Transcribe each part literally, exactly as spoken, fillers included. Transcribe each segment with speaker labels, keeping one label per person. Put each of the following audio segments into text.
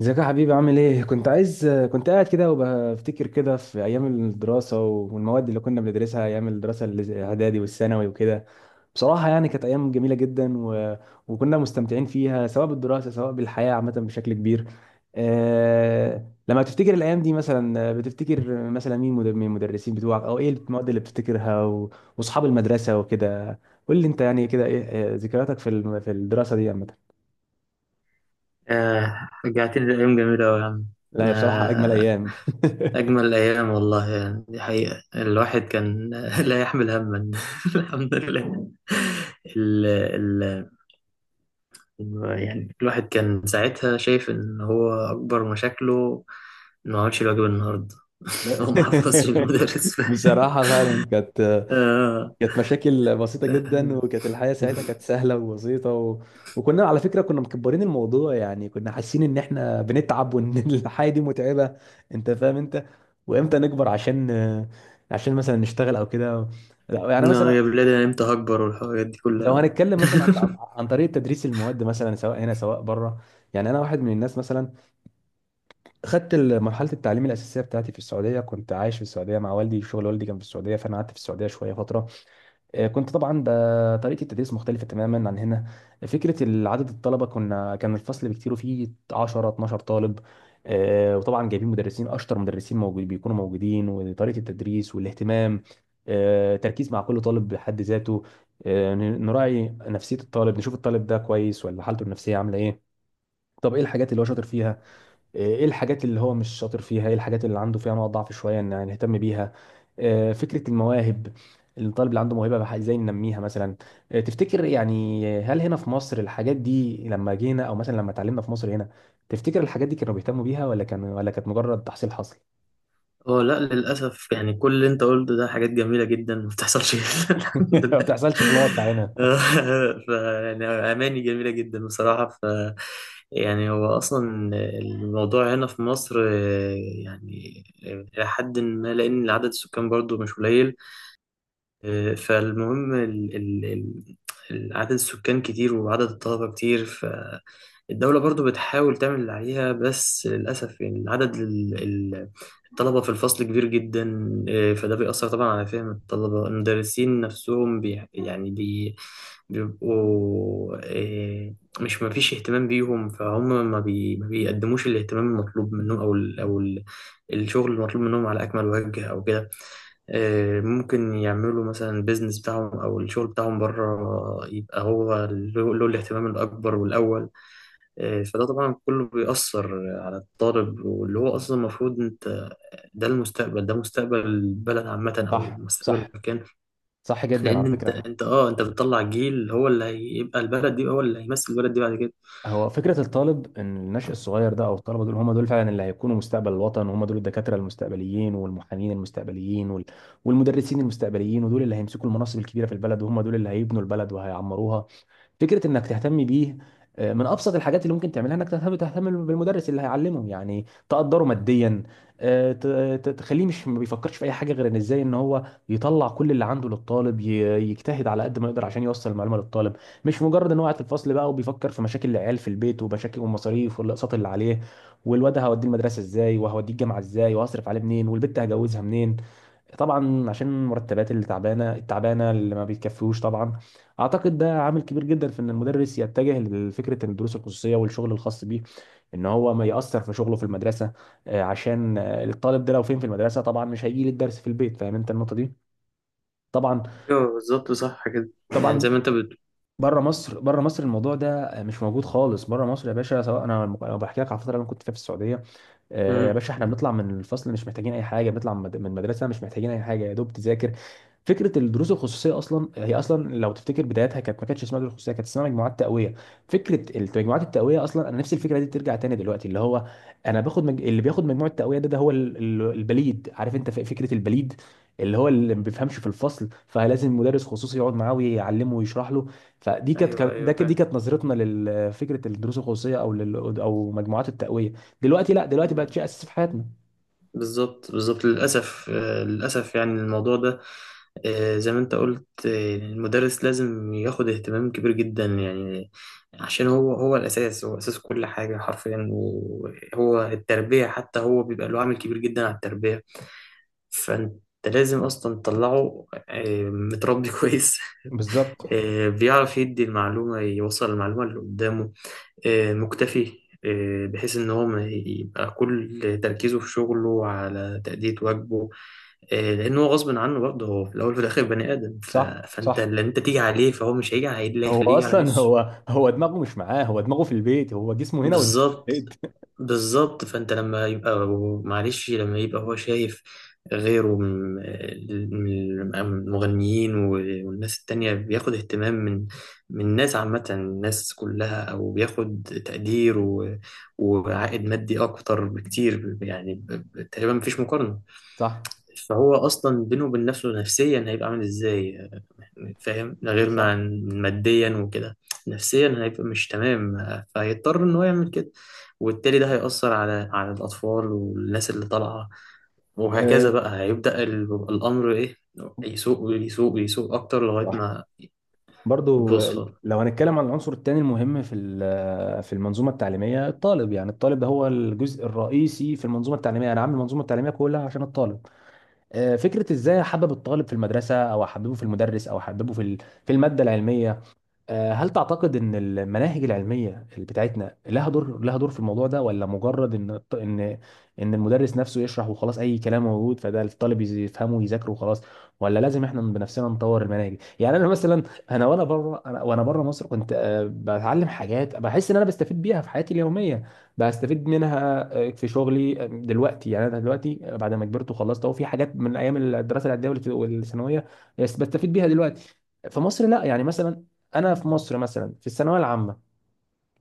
Speaker 1: ازيك يا حبيبي؟ عامل ايه؟ كنت عايز. كنت قاعد كده وبفتكر كده في ايام الدراسه والمواد اللي كنا بندرسها ايام الدراسه الاعدادي والثانوي وكده. بصراحه يعني كانت ايام جميله جدا، و... وكنا مستمتعين فيها سواء بالدراسه سواء بالحياه عامه بشكل كبير. آه... لما تفتكر الايام دي مثلا بتفتكر مثلا مين مد- من المدرسين بتوعك، او ايه المواد اللي بتفتكرها، و... واصحاب المدرسه وكده. قول لي انت يعني كده ايه، آه، ذكرياتك في الم- في الدراسه دي عامه؟
Speaker 2: آه، رجعتني لأيام جميلة أوي يا عم.
Speaker 1: لا، هي بصراحه اجمل
Speaker 2: آه،
Speaker 1: ايام.
Speaker 2: أجمل أيام والله، يعني دي حقيقة. الواحد كان لا يحمل هما. الحمد لله. ال ال يعني الواحد كان ساعتها شايف إن هو أكبر مشاكله إنه ما عملش الواجب النهاردة. هو ما حفظش المدرس.
Speaker 1: بصراحة فعلا كانت
Speaker 2: آه،
Speaker 1: كانت مشاكل بسيطة جدا،
Speaker 2: آه،
Speaker 1: وكانت الحياة ساعتها كانت سهلة وبسيطة، و... وكنا على فكرة كنا مكبرين الموضوع، يعني كنا حاسين ان احنا بنتعب وان الحياة دي متعبة. انت فاهم انت؟ وامتى نكبر؟ عشان عشان مثلا نشتغل او كده. لا، يعني مثلا
Speaker 2: يا بلاد، أنا إمتى هكبر والحاجات دي
Speaker 1: لو
Speaker 2: كلها؟
Speaker 1: هنتكلم مثلا عن عن عن طريقة تدريس المواد مثلا سواء هنا سواء بره. يعني انا واحد من الناس مثلا خدت ال- مرحلة التعليم الأساسية بتاعتي في السعودية، كنت عايش في السعودية مع والدي، شغل والدي كان في السعودية، فأنا قعدت في السعودية شوية فترة. آه، كنت طبعا ب- طريقة التدريس مختلفة تماما عن هنا. فكرة ال- عدد الطلبة، كنا كان الفصل بكتير فيه عشرة اتناشر طالب. آه، وطبعا جايبين مدرسين أشطر مدرسين موجود بيكونوا موجودين، وطريقة التدريس والاهتمام. آه، تركيز مع كل طالب بحد ذاته. آه، ن- نراعي نفسية الطالب، نشوف الطالب ده كويس ولا حالته النفسية عاملة إيه. طب إيه الحاجات اللي هو شاطر فيها؟ آه، ايه الحاجات اللي هو مش شاطر فيها، ايه الحاجات اللي عنده فيها نقط ضعف شويه ان يعني نهتم بيها. آه، فكره المواهب، الطالب اللي عنده موهبه بح- ازاي ننميها مثلا؟ آه، تفتكر يعني هل هنا في مصر الحاجات دي لما جينا او مثلا لما اتعلمنا في مصر هنا، تفتكر الحاجات دي كانوا بيهتموا بيها ولا كان ولا كانت مجرد تحصيل حصل؟
Speaker 2: اه، لا، للأسف يعني كل اللي انت قلته ده حاجات جميلة جدا ما بتحصلش. الحمد
Speaker 1: ما
Speaker 2: لله.
Speaker 1: بتحصلش في الواقع هنا.
Speaker 2: ف يعني أماني جميلة جدا بصراحة. ف يعني هو أصلا الموضوع هنا في مصر، آه، يعني إلى حد ما، لأن عدد السكان برضو مش قليل. آه، فالمهم ال ال ال- عدد السكان كتير وعدد الطلبة كتير. الدولة برضو بتحاول تعمل اللي عليها، بس للأسف يعني عدد ال- ال- الطلبة في الفصل كبير جدا. آه، فده بيأثر طبعا على فهم الطلبة. المدرسين نفسهم بي يعني بي بيبقوا آه، مش ما فيش اهتمام بيهم، فهم ما, بي ما بيقدموش الاهتمام المطلوب منهم، أو ال أو ال الشغل المطلوب منهم على أكمل وجه أو كده. آه، ممكن يعملوا مثلا البيزنس بتاعهم أو الشغل بتاعهم بره، يبقى هو له له الاهتمام الأكبر والأول، إيه. فده طبعا كله بيأثر على الطالب، واللي هو أصلا المفروض أنت، ده المستقبل، ده مستقبل البلد عامة أو
Speaker 1: صح،
Speaker 2: مستقبل
Speaker 1: صح،
Speaker 2: المكان.
Speaker 1: صح جدا
Speaker 2: لأن
Speaker 1: على
Speaker 2: أنت
Speaker 1: فكره.
Speaker 2: أنت أه أنت بتطلع جيل، هو اللي هيبقى البلد دي، هو اللي هيمثل البلد دي بعد كده.
Speaker 1: هو فكرة الطالب إن النشء الصغير ده أو الطلبة دول هم دول فعلا اللي هيكونوا مستقبل الوطن، وهم دول الدكاترة المستقبليين والمحامين المستقبليين وال... والمدرسين المستقبليين، ودول اللي هيمسكوا المناصب الكبيرة في البلد وهم دول اللي هيبنوا البلد وهيعمروها. فكره انك تهتم بيه، آه، من ابسط الحاجات اللي ممكن تعملها انك تهتم تهتم بالمدرس اللي هيعلمه، يعني تقدره ماديا. آه، ت- ت- تخليه مش ما بيفكرش في اي حاجه غير ان ازاي ان هو يطلع كل اللي عنده للطالب، ي- يجتهد على قد ما يقدر عشان يوصل المعلومه للطالب. مش مجرد ان هو قاعد في الفصل بقى وبيفكر في مشاكل العيال في البيت، ومشاكل والمصاريف والاقساط اللي عليه، والواد هوديه المدرسه ازاي وهوديه الجامعه ازاي وهصرف عليه منين والبت هجوزها منين. طبعا عشان المرتبات اللي تعبانه التعبانه اللي ما بيتكفيوش طبعا. اعتقد ده عامل كبير جدا في ان المدرس يتجه لفكره الدروس الخصوصيه والشغل الخاص بيه، ان هو ما ياثر في شغله في المدرسه. آه، عشان آه، الطالب ده لو فين في المدرسه طبعا مش هيجي للدرس في البيت. فاهم انت النقطه دي؟ طبعا،
Speaker 2: أيوه، بالظبط صح كده، يعني
Speaker 1: طبعا.
Speaker 2: زي ما أنت بت
Speaker 1: بره مصر، بره مصر الموضوع ده مش موجود خالص بره مصر يا باشا. سواء انا لو بحكي لك على الفتره اللي انا كنت فيها في السعوديه، آه، يا
Speaker 2: مم.
Speaker 1: باشا احنا بنطلع من الفصل مش محتاجين اي حاجه، بنطلع من مد- من المدرسه مش محتاجين اي حاجه يا دوب تذاكر. فكره الدروس الخصوصيه اصلا هي اصلا لو تفتكر بدايتها كانت ما كانتش اسمها دروس خصوصيه، كانت اسمها مجموعات تقويه. فكره مجموعات التقويه اصلا انا نفسي الفكره دي ترجع تاني دلوقتي، اللي هو انا باخد مج... اللي بياخد مجموعه التقويه ده، ده هو ال- ال- البليد، عارف انت ف- فكره البليد، اللي هو اللي ما بيفهمش في الفصل فلازم مدرس خصوصي يقعد معاه ويعلمه ويشرح له. فدي كانت
Speaker 2: أيوه،
Speaker 1: كانت- ده
Speaker 2: أيوه،
Speaker 1: كانت- دي
Speaker 2: فاهم.
Speaker 1: كانت نظرتنا لفكره الدروس الخصوصيه او لل او مجموعات التقويه. دلوقتي لا، دلوقتي بقت شيء
Speaker 2: مم.
Speaker 1: اساسي في حياتنا.
Speaker 2: بالظبط، بالظبط، للأسف، آه، للأسف يعني الموضوع ده، آه، زي ما انت قلت، آه، المدرس لازم ياخد اهتمام كبير جدا يعني. عشان هو هو الأساس، هو أساس كل حاجة حرفيا، وهو التربية حتى، هو بيبقى له عامل كبير جدا على التربية. فانت لازم أصلا تطلعه آه، متربي كويس،
Speaker 1: بالظبط،
Speaker 2: آه، بيعرف يدي المعلومة، يوصل المعلومة اللي قدامه، آه، مكتفي، آه، بحيث إن هو ما يبقى كل تركيزه في شغله على تأدية واجبه. آه، لان هو غصب عنه برضه، هو في الاول وفي الاخر بني ادم. ف...
Speaker 1: صح،
Speaker 2: فانت
Speaker 1: صح.
Speaker 2: اللي انت تيجي عليه، فهو مش هيجي على اللي
Speaker 1: هو
Speaker 2: هيخليه يجي على
Speaker 1: اصلا
Speaker 2: نفسه.
Speaker 1: هو هو دماغه مش معاه، هو دماغه في البيت، هو جسمه هنا ودماغه في
Speaker 2: بالظبط،
Speaker 1: البيت.
Speaker 2: بالظبط، فانت لما يبقى، معلش، لما يبقى هو شايف غيره من من المغنيين والناس التانية بياخد اهتمام من من الناس، عامة الناس كلها، أو بياخد تقدير و- وعائد مادي أكتر بكتير، يعني ب- ب- تقريبا مفيش مقارنة.
Speaker 1: صح،
Speaker 2: فهو أصلا بينه وبين نفسه نفسيا هيبقى عامل إزاي؟ فاهم، ده غير ما
Speaker 1: صح،
Speaker 2: ماديا وكده، نفسيا هيبقى مش تمام، فهيضطر ان هو يعمل كده. وبالتالي ده هيأثر على على الأطفال والناس اللي طالعة، وهكذا
Speaker 1: أه
Speaker 2: بقى. هيبدأ ال- الأمر إيه، يسوق ويسوق ويسوق أكتر لغاية
Speaker 1: صح.
Speaker 2: ما
Speaker 1: برضو آه،
Speaker 2: بيوصل.
Speaker 1: لو هنتكلم عن العنصر الثاني المهم في ال- في المنظومه التعليميه، الطالب. يعني الطالب ده هو الجزء الرئيسي في المنظومه التعليميه، انا عامل المنظومه التعليميه كلها عشان الطالب. آه، فكره ازاي احبب الطالب في المدرسه او احببه في المدرس او احببه في ال- في الماده العلميه. آه، هل تعتقد ان المناهج العلميه اللي بتاعتنا لها دور، لها دور في الموضوع ده، ولا مجرد ان ان ان المدرس نفسه يشرح وخلاص، اي كلام موجود فده الطالب يز- يفهمه ويذاكره وخلاص، ولا لازم احنا بنفسنا نطور المناهج؟ يعني انا مثلا انا وانا بره انا وانا بره مصر كنت آه، بتعلم حاجات بحس ان انا بستفيد بيها في حياتي اليوميه، بستفيد منها آه، في شغلي آه، دلوقتي، يعني انا دلوقتي آه، بعد ما كبرت وخلصت اهو، في حاجات من ايام الدراسه العاديه والثانويه بس بستفيد بيها دلوقتي. في مصر لا، يعني مثلا انا في مصر مثلا في الثانويه العامه،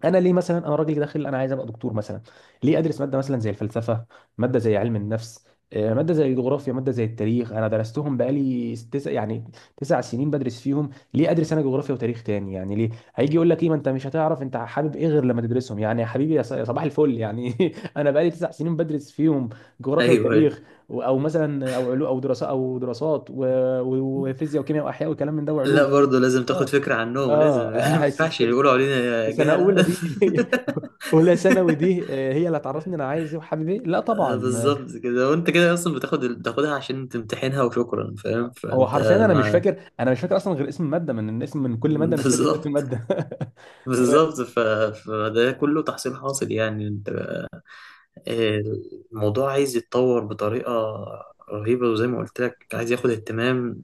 Speaker 1: انا ليه مثلا انا راجل داخل انا عايز ابقى دكتور مثلا، ليه ادرس ماده مثلا زي الفلسفه، ماده زي علم النفس، آه، ماده زي الجغرافيا، ماده زي التاريخ؟ انا درستهم بقالي تسع يعني تسع سنين بدرس فيهم، ليه ادرس انا جغرافيا وتاريخ تاني؟ يعني ليه؟ هيجي يقول لك ايه، ما انت مش هتعرف انت حابب ايه غير لما تدرسهم، يعني يا حبيبي يا ص- يا صباح الفل يعني. انا بقالي تسع سنين بدرس فيهم جغرافيا
Speaker 2: أيوه،
Speaker 1: وتاريخ، و- او مثلا او علوم او دراسات او دراسات و- و- وفيزياء وكيمياء واحياء وكلام من ده
Speaker 2: لا،
Speaker 1: وعلوم.
Speaker 2: برضه لازم تاخد
Speaker 1: اه،
Speaker 2: فكرة عنهم، لازم ما
Speaker 1: اه، هي-
Speaker 2: ينفعش
Speaker 1: س-
Speaker 2: يقولوا
Speaker 1: في
Speaker 2: علينا
Speaker 1: سنه اولى
Speaker 2: جهلة.
Speaker 1: دي اولى ثانوي دي آه، هي اللي هتعرفني انا عايز ايه وحابب ايه؟ لا
Speaker 2: آه،
Speaker 1: طبعا. آه،
Speaker 2: بالظبط كده، وأنت كده أصلا بتاخد بتاخدها عشان تمتحنها وشكرا، فاهم.
Speaker 1: هو
Speaker 2: فأنت
Speaker 1: حرفيا انا مش
Speaker 2: ما
Speaker 1: فاكر انا مش فاكر اصلا غير اسم الماده، من الاسم من كل ماده مش فاكر اسم
Speaker 2: بالظبط.
Speaker 1: الماده.
Speaker 2: بالظبط
Speaker 1: أيوة.
Speaker 2: ف... فده كله تحصيل حاصل، يعني انت، آه، الموضوع عايز يتطور بطريقة رهيبة، وزي ما قلت لك عايز ياخد اهتمام،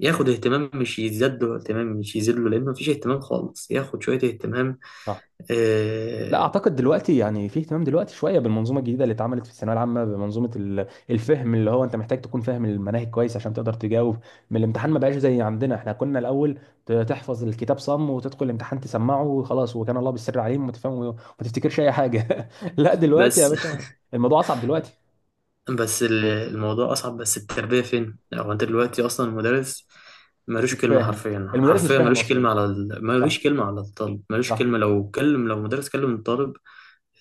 Speaker 2: ياخد اهتمام، مش يزداد له اهتمام، مش يزيد له، لأن مفيش اهتمام خالص، ياخد شوية اهتمام.
Speaker 1: صح. لا
Speaker 2: آه،
Speaker 1: اعتقد دلوقتي يعني في اهتمام دلوقتي شويه بالمنظومه الجديده اللي اتعملت في الثانويه العامه، بمنظومه ال- الفهم اللي هو انت محتاج تكون فاهم المناهج كويس عشان تقدر تجاوب من الامتحان، ما بقاش زي عندنا، احنا كنا الاول ت- تحفظ الكتاب صم وتدخل الامتحان تسمعه وخلاص، وكان الله بالسر عليهم وتفهم وما تفتكرش اي حاجه. لا دلوقتي يا
Speaker 2: بس
Speaker 1: باشا الموضوع اصعب دلوقتي.
Speaker 2: بس ال- الموضوع أصعب، بس التربية فين؟ هو أنت دلوقتي أصلا المدرس ملوش
Speaker 1: مش
Speaker 2: كلمة،
Speaker 1: فاهم،
Speaker 2: حرفيا
Speaker 1: المدرس مش
Speaker 2: حرفيا
Speaker 1: فاهم
Speaker 2: ملوش
Speaker 1: اصلا.
Speaker 2: كلمة على ال...
Speaker 1: صح،
Speaker 2: ملوش كلمة على الطالب، ملوش
Speaker 1: صح،
Speaker 2: كلمة، لو كلم، لو مدرس كلم الطالب.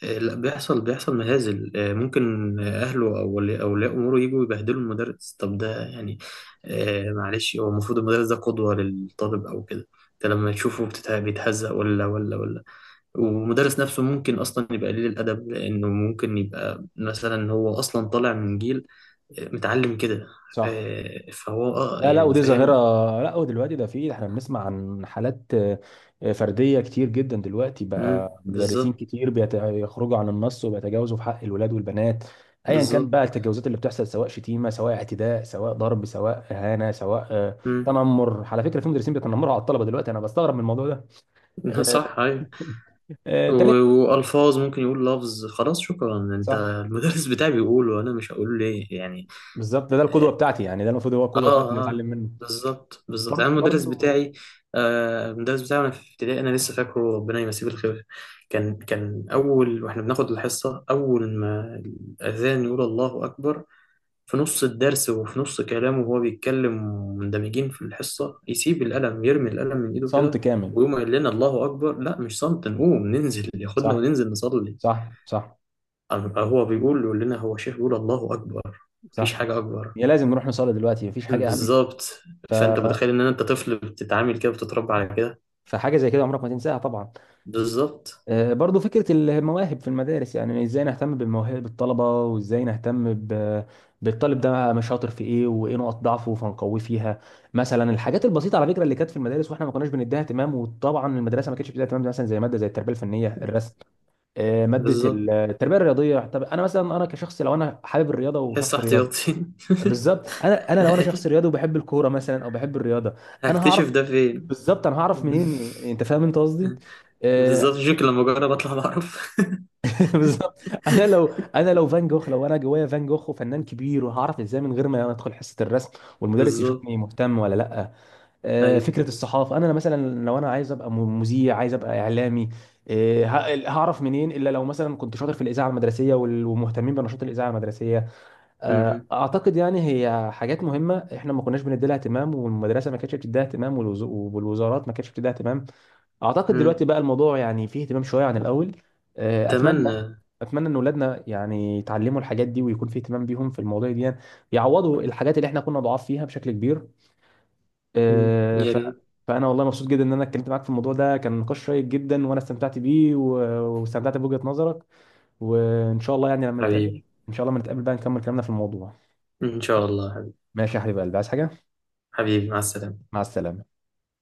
Speaker 2: آه، لا، بيحصل بيحصل مهازل. آه، ممكن آه، أهله، أو ولي أولياء أموره يجوا يبهدلوا المدرس. طب ده يعني، آه، معلش، هو المفروض المدرس ده قدوة للطالب أو كده. أنت لما تشوفه بتت- بيتهزق ولا ولا ولا، والمدرس نفسه ممكن أصلا يبقى قليل الأدب، لأنه ممكن يبقى مثلا هو أصلا طالع من جيل آه، متعلم كده.
Speaker 1: صح.
Speaker 2: آه، فهو أه
Speaker 1: لا، لا،
Speaker 2: يعني
Speaker 1: ودي ظاهرة.
Speaker 2: فاهم.
Speaker 1: لا ودلوقتي ده في احنا بنسمع عن حالات آه، آه، فردية كتير جدا دلوقتي، بقى
Speaker 2: مم،
Speaker 1: مدرسين
Speaker 2: بالظبط
Speaker 1: كتير بيت- بيخرجوا عن النص وبيتجاوزوا في حق الولاد والبنات. ايا كان
Speaker 2: بالظبط.
Speaker 1: بقى التجاوزات اللي بتحصل، سواء شتيمة سواء اعتداء سواء ضرب سواء اهانة سواء آه،
Speaker 2: مم.
Speaker 1: تنمر. على فكرة في مدرسين بيتنمروا على الطلبة دلوقتي، انا بستغرب من الموضوع ده. آه،
Speaker 2: صح، أيوه.
Speaker 1: آه، تالت.
Speaker 2: و- والفاظ، ممكن يقول لفظ، خلاص شكرا، انت
Speaker 1: صح،
Speaker 2: المدرس بتاعي بيقول، وانا مش هقول ليه يعني.
Speaker 1: بالظبط، ده, ده القدوة
Speaker 2: اه،
Speaker 1: بتاعتي، يعني ده المفروض هو القدوة بتاعتي اللي
Speaker 2: اه، آه،
Speaker 1: بتعلم منه.
Speaker 2: بالظبط بالظبط، يعني
Speaker 1: برضه،
Speaker 2: المدرس
Speaker 1: برضه،
Speaker 2: بتاعي، آه المدرس بتاعي وانا في ابتدائي انا لسه فاكره، ربنا يمسيه بالخير. كان كان اول، واحنا بناخد الحصه، اول ما الاذان يقول الله اكبر في نص الدرس وفي نص كلامه وهو بيتكلم مندمجين في الحصه، يسيب القلم، يرمي القلم من ايده
Speaker 1: صمت
Speaker 2: كده،
Speaker 1: كامل.
Speaker 2: ويقوم قال لنا الله اكبر. لا مش صمت، نقوم ننزل، ياخدنا
Speaker 1: صح،
Speaker 2: وننزل نصلي.
Speaker 1: صح، صح،
Speaker 2: أم- هو بيقول لنا، هو شيخ، بيقول الله أكبر، مفيش
Speaker 1: صح،
Speaker 2: حاجة أكبر.
Speaker 1: هي لازم نروح نصلي دلوقتي، مفيش حاجه اهم.
Speaker 2: بالظبط.
Speaker 1: ف...
Speaker 2: فأنت متخيل إن أنت طفل بتتعامل كده، بتتربى على كده.
Speaker 1: فحاجه زي كده عمرك ما تنساها طبعا.
Speaker 2: بالظبط
Speaker 1: آه، برضو فكره المواهب في المدارس، يعني ازاي نهتم بمواهب الطلبه، وازاي نهتم ب... بالطالب ده، مش شاطر في ايه وايه نقط ضعفه فنقويه فيها. مثلا الحاجات البسيطه على فكره اللي كانت في المدارس، واحنا ما كناش بنديها اهتمام، وطبعا المدرسه ما كانتش بتديها اهتمام، مثلا زي ماده زي التربيه الفنيه الرسم، آه، ماده
Speaker 2: بالظبط.
Speaker 1: التربيه الرياضيه. طب انا مثلا انا كشخص لو انا حابب الرياضه
Speaker 2: حس
Speaker 1: وشخص رياضي،
Speaker 2: احتياطي.
Speaker 1: بالظبط. انا انا لو انا شخص رياضي وبحب الكوره مثلا او بحب الرياضه، انا هعرف.
Speaker 2: هكتشف ده فين.
Speaker 1: بالظبط، انا هعرف منين إن- انت فاهم انت قصدي؟ آه،
Speaker 2: بالظبط. شكل لما أجرب أطلع بعرف.
Speaker 1: بالظبط. انا لو انا لو فان جوخ لو انا جوايا فان جوخ وفنان كبير، وهعرف ازاي من غير ما ادخل حصه الرسم والمدرس
Speaker 2: بالظبط.
Speaker 1: يشوفني مهتم ولا لا؟ آه،
Speaker 2: أيوة.
Speaker 1: فكره الصحافه، انا مثلا لو انا عايز ابقى م- مذيع، عايز ابقى اعلامي، آه، ه- هعرف منين الا لو مثلا كنت شاطر في الاذاعه المدرسيه وال- ومهتمين بنشاط الاذاعه المدرسيه. آه،
Speaker 2: م-
Speaker 1: اعتقد يعني هي حاجات مهمه احنا ما كناش بندي لها اهتمام، والمدرسه ما كانتش بتديها اهتمام، والوز- والوزارات ما كانتش بتديها اهتمام. اعتقد
Speaker 2: م.
Speaker 1: دلوقتي بقى الموضوع يعني فيه اهتمام شويه عن الاول. آه، اتمنى
Speaker 2: أتمنى.
Speaker 1: اتمنى ان اولادنا يعني يتعلموا الحاجات دي ويكون في اهتمام بيهم في المواضيع دي، يعني يعوضوا الحاجات اللي احنا كنا ضعاف فيها بشكل كبير.
Speaker 2: م.
Speaker 1: آه،
Speaker 2: يا
Speaker 1: ف
Speaker 2: ريت.
Speaker 1: فانا والله مبسوط جدا ان انا اتكلمت معاك في الموضوع ده، كان نقاش شيق جدا، وانا استمتعت بيه، و- واستمتعت بوجهة نظرك. وان شاء الله يعني لما نتقابل،
Speaker 2: حبيبي.
Speaker 1: ان شاء الله لما نتقابل بقى نكمل كلامنا في الموضوع.
Speaker 2: إن شاء الله حبيبي.
Speaker 1: ماشي يا حبيب قلبي، عايز حاجة؟
Speaker 2: حبيبي، مع السلامة.
Speaker 1: مع السلامة.